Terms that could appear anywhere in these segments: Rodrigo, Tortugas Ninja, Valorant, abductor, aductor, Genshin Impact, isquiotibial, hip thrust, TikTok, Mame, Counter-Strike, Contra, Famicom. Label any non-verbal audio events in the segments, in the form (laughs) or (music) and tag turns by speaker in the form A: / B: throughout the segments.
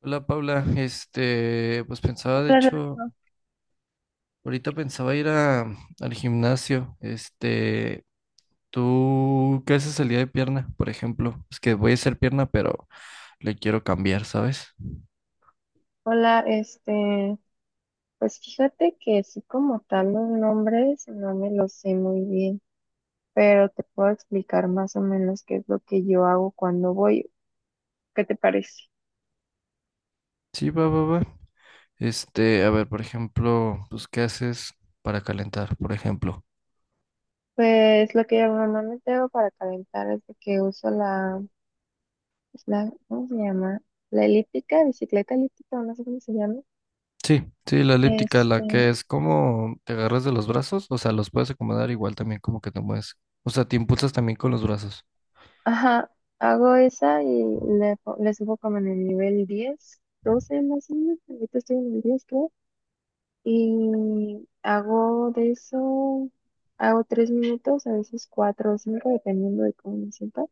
A: Hola Paula, pues pensaba, de
B: Hola,
A: hecho,
B: Rodrigo.
A: ahorita pensaba al gimnasio. ¿Tú qué haces el día de pierna, por ejemplo? Es que voy a hacer pierna, pero le quiero cambiar, ¿sabes?
B: Hola, pues fíjate que sí como tal los nombres no me los sé muy bien, pero te puedo explicar más o menos qué es lo que yo hago cuando voy. ¿Qué te parece?
A: Sí, va, va, va. A ver, por ejemplo, pues, ¿qué haces para calentar, por ejemplo?
B: Pues lo que yo normalmente hago para calentar es de que uso la, pues, la, ¿cómo se llama? La elíptica, bicicleta elíptica, o no sé cómo se llama.
A: Sí, sí, la elíptica, la
B: Este,
A: que es como te agarras de los brazos, o sea, los puedes acomodar igual también como que te mueves. O sea, te impulsas también con los brazos.
B: ajá, hago esa y le subo como en el nivel 10, 12 más o menos. Ahorita estoy en el 10. Y hago de eso, hago tres minutos, a veces cuatro o cinco, dependiendo de cómo me sienta.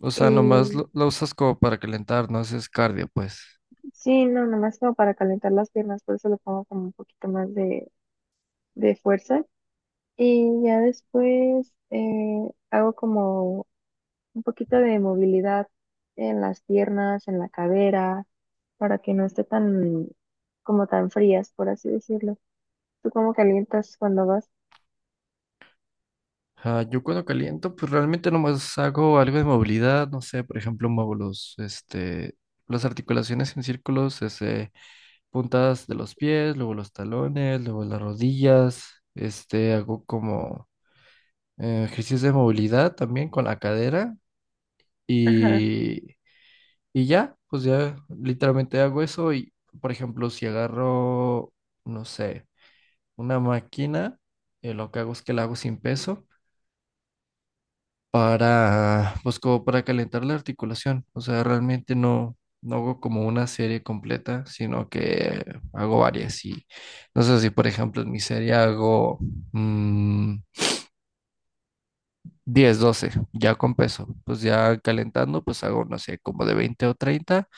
A: O sea,
B: Y
A: la usas como para calentar, no haces cardio, pues.
B: sí, no, nomás como para calentar las piernas, por eso le pongo como un poquito más de fuerza. Y ya después hago como un poquito de movilidad en las piernas, en la cadera, para que no esté tan, como tan frías, por así decirlo. ¿Tú cómo calientas cuando vas?
A: Ah, yo cuando caliento, pues realmente nomás hago algo de movilidad, no sé, por ejemplo, muevo las articulaciones en círculos, puntas de los pies, luego los talones, luego las rodillas, hago como ejercicios de movilidad también con la cadera.
B: Ajá,
A: Y Y ya, pues ya literalmente hago eso y, por ejemplo, si agarro, no sé, una máquina, lo que hago es que la hago sin peso para, pues como para calentar la articulación. O sea, realmente no hago como una serie completa, sino que hago varias. Y no sé si, por ejemplo, en mi serie hago mm, 10, 12, ya con peso. Pues ya calentando, pues hago, no sé, como de 20 o 30.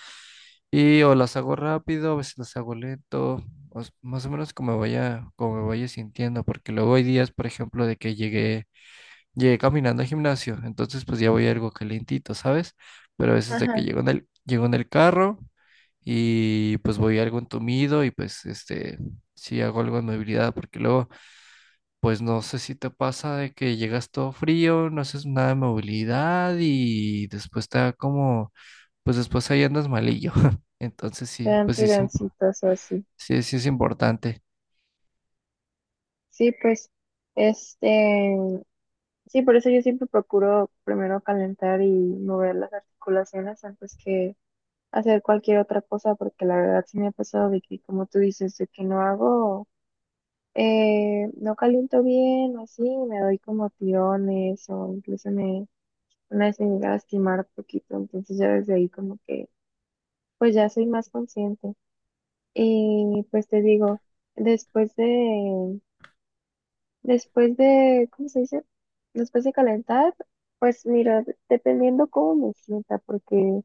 A: Y o las hago rápido, a veces las hago lento, más o menos como me vaya sintiendo, porque luego hay días, por ejemplo, llegué caminando al gimnasio, entonces pues ya voy algo calientito, ¿sabes? Pero a veces de que
B: ajá.
A: llego en el carro y pues voy algo entumido y pues sí hago algo de movilidad, porque luego pues no sé si te pasa de que llegas todo frío, no haces nada de movilidad y después te da como pues después ahí andas malillo. (laughs) Entonces
B: Te
A: sí,
B: dan
A: pues sí,
B: tironcitos o así.
A: sí, sí es importante.
B: Sí, pues, este, sí, por eso yo siempre procuro primero calentar y mover las articulaciones antes que hacer cualquier otra cosa, porque la verdad sí me ha pasado de que, como tú dices, de que no hago, no caliento bien o así, me doy como tirones o incluso me, una vez me llegué a lastimar poquito, entonces ya desde ahí como que, pues ya soy más consciente. Y pues te digo, después de, después de, ¿cómo se dice? Después de calentar, pues mira, dependiendo cómo me sienta, porque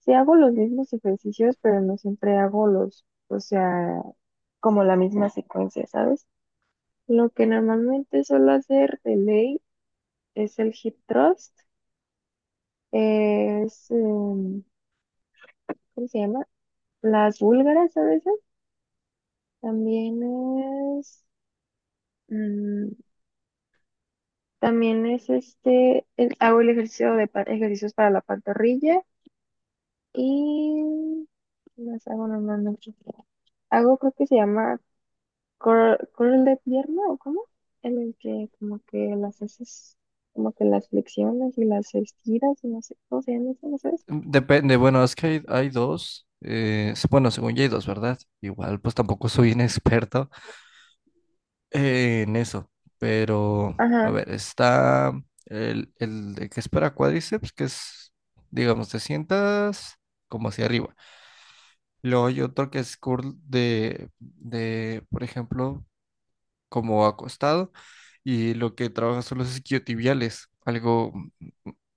B: si hago los mismos ejercicios, pero no siempre hago los, o sea, como la misma secuencia, ¿sabes? Lo que normalmente suelo hacer de ley es el hip thrust, es, ¿cómo se llama? Las búlgaras a veces, también es... mm, también es, hago el ejercicio ejercicios para la pantorrilla. Y las hago normalmente. Hago, creo que se llama curl de pierna, ¿o cómo? En el que como que las haces, como que las flexiones y las estiras y no sé cómo se llama eso, ¿no sabes?
A: Depende, bueno, es que hay dos. Bueno, según yo hay dos, ¿verdad? Igual, pues tampoco soy inexperto (laughs) en eso. Pero, a
B: Ajá,
A: ver, está el de que es para cuádriceps, que es, digamos, te sientas como hacia arriba. Luego hay otro que es curl de, por ejemplo, como acostado y lo que trabaja son los isquiotibiales. Algo,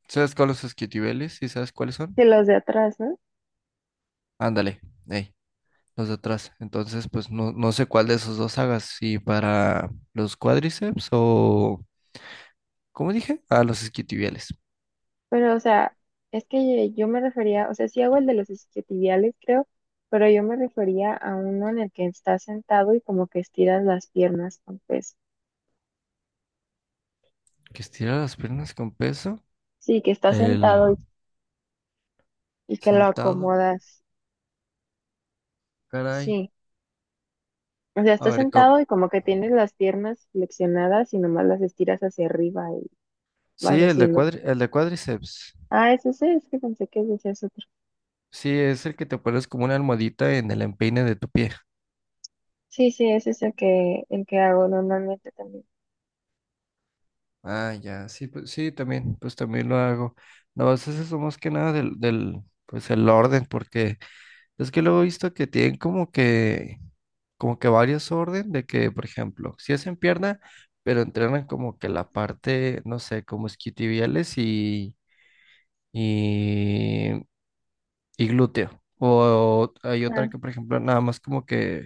A: ¿sabes cuáles son los isquiotibiales? ¿Y sabes cuáles
B: que
A: son?
B: los de atrás, ¿no?
A: Ándale, ey, los de atrás. Entonces, pues no sé cuál de esos dos hagas, si para los cuádriceps o, ¿cómo dije? Ah, los isquiotibiales.
B: Pero, o sea, es que yo me refería, o sea, sí hago el de los isquiotibiales, creo, pero yo me refería a uno en el que estás sentado y como que estiras las piernas con peso.
A: Que estira las piernas con peso.
B: Sí, que estás sentado y
A: El
B: y que lo
A: sentado,
B: acomodas.
A: caray.
B: Sí. O sea,
A: A
B: estás
A: ver, ¿cómo?
B: sentado y como que tienes las piernas flexionadas y nomás las estiras hacia arriba y
A: Sí,
B: vas haciendo.
A: el de cuádriceps.
B: Ah, es ese, es que pensé que ese es otro.
A: Sí, es el que te pones como una almohadita en el empeine de tu pie.
B: Sí, sí, ese es el que hago normalmente también.
A: Ah, ya, sí, pues sí, también, pues también lo hago. No, pues eso es más que nada del pues el orden, porque es que luego he visto que tienen como que varios orden de que, por ejemplo, si hacen pierna, pero entrenan como que la parte, no sé, como isquiotibiales y, y glúteo. O hay otra
B: Ah,
A: que, por ejemplo, nada más como que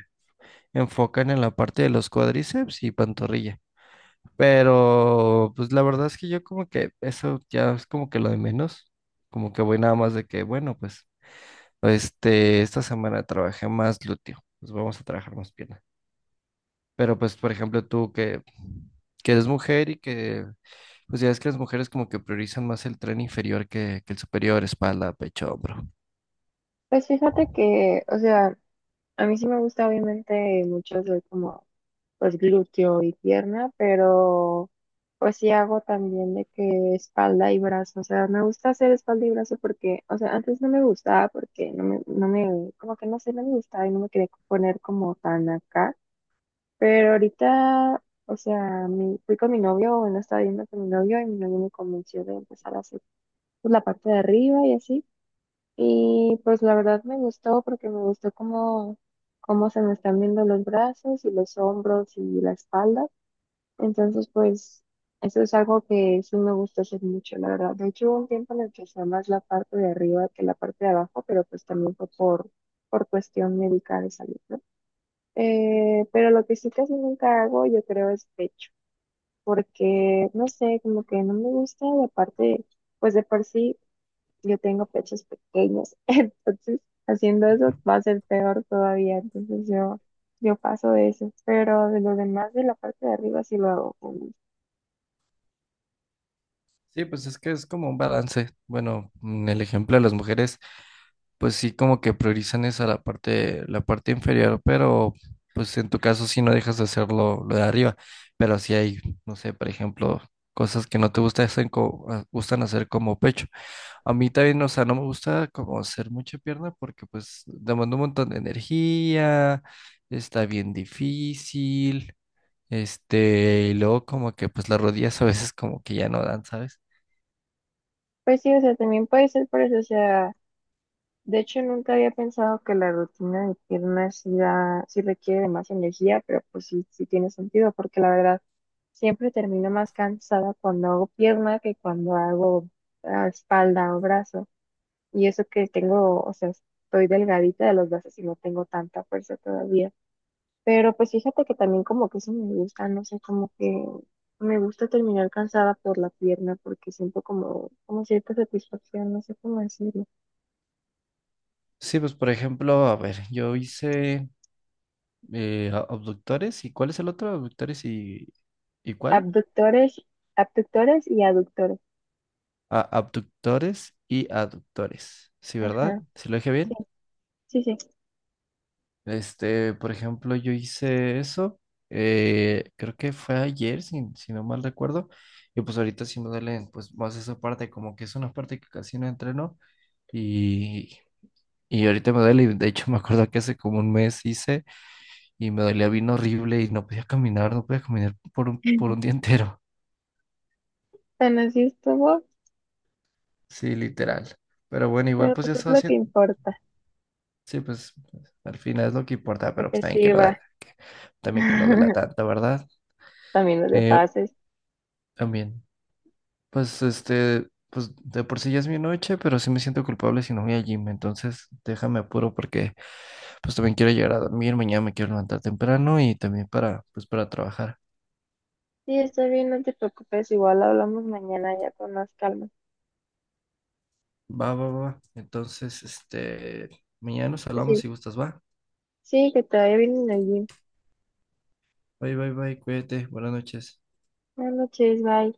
A: enfocan en la parte de los cuádriceps y pantorrilla. Pero pues la verdad es que yo como que eso ya es como que lo de menos, como que voy nada más de que, bueno, pues esta semana trabajé más glúteo, pues vamos a trabajar más pierna. Pero pues, por ejemplo, que eres mujer y que, pues ya es que las mujeres como que priorizan más el tren inferior que el superior, espalda, pecho, hombro.
B: pues fíjate que, o sea, a mí sí me gusta obviamente mucho hacer como pues glúteo y pierna, pero pues sí hago también de que espalda y brazo, o sea, me gusta hacer espalda y brazo porque, o sea, antes no me gustaba porque no me, como que no sé, no me gustaba y no me quería poner como tan acá, pero ahorita, o sea, fui con mi novio, bueno, estaba viendo con mi novio y mi novio me convenció de empezar a hacer pues, la parte de arriba y así, y pues la verdad me gustó porque me gustó como cómo se me están viendo los brazos y los hombros y la espalda. Entonces, pues, eso es algo que sí me gusta hacer mucho, la verdad. De hecho, hubo un tiempo en el que usaba más la parte de arriba que la parte de abajo, pero pues también fue por cuestión médica de salud, ¿no? Pero lo que sí casi nunca hago, yo creo, es pecho, porque, no sé, como que no me gusta la parte, pues de por sí, yo tengo pechos pequeños, (laughs) entonces, haciendo eso va a ser peor todavía, entonces yo. Yo paso de eso, pero de lo demás de la parte de arriba sí lo hago.
A: Sí, pues es que es como un balance. Bueno, en el ejemplo de las mujeres pues sí como que priorizan esa la parte inferior, pero pues en tu caso sí no dejas de hacerlo lo de arriba, pero sí hay, no sé, por ejemplo, cosas que no te gustan hacer como pecho. A mí también, o sea, no me gusta como hacer mucha pierna porque pues demanda un montón de energía, está bien difícil, y luego como que pues las rodillas a veces como que ya no dan, ¿sabes?
B: Pues sí, o sea, también puede ser por eso, o sea, de hecho nunca había pensado que la rutina de piernas sí requiere de más energía, pero pues sí, sí tiene sentido, porque la verdad siempre termino más cansada cuando hago pierna que cuando hago espalda o brazo. Y eso que tengo, o sea, estoy delgadita de los brazos y no tengo tanta fuerza todavía. Pero pues fíjate que también como que eso me gusta, no sé, como que me gusta terminar cansada por la pierna porque siento como, como cierta satisfacción, no sé cómo decirlo.
A: Sí, pues por ejemplo, a ver, yo hice abductores y ¿cuál es el otro? Abductores ¿y cuál?
B: Abductores, abductores y aductores.
A: Ah, abductores y aductores. Sí, ¿verdad?
B: Ajá,
A: ¿Sí lo dije bien?
B: sí, sí, sí.
A: Por ejemplo, yo hice eso. Creo que fue ayer, si no mal recuerdo. Y pues ahorita sí me duele pues más esa parte, como que es una parte que casi no entreno. Y, y ahorita me duele. Y de hecho (laughs) me acuerdo que hace como un mes hice y me dolía bien horrible y no podía caminar, no podía caminar por un día
B: (laughs)
A: entero.
B: Tan así estuvo,
A: Sí, literal. Pero bueno, igual
B: pero
A: pues ya
B: pues es
A: estaba
B: lo que
A: haciendo.
B: importa,
A: Sí, pues al final es lo que importa, pero pues
B: porque
A: también que
B: sí
A: no
B: va.
A: da, que- también que no duela
B: (laughs)
A: tanto, ¿verdad?
B: También los de
A: Eh,
B: pases.
A: también. Pues pues de por sí ya es mi noche, pero sí me siento culpable si no voy al gym. Entonces déjame apuro porque pues también quiero llegar a dormir. Mañana me quiero levantar temprano y también pues para trabajar.
B: Sí, está bien, no te preocupes, igual hablamos mañana ya con más calma.
A: Va, va, va. Entonces, mañana nos
B: Pues
A: hablamos
B: sí,
A: si gustas, va.
B: sí, que te vaya bien en el gym.
A: Bye, bye, bye. Cuídate. Buenas noches.
B: Buenas noches, bye.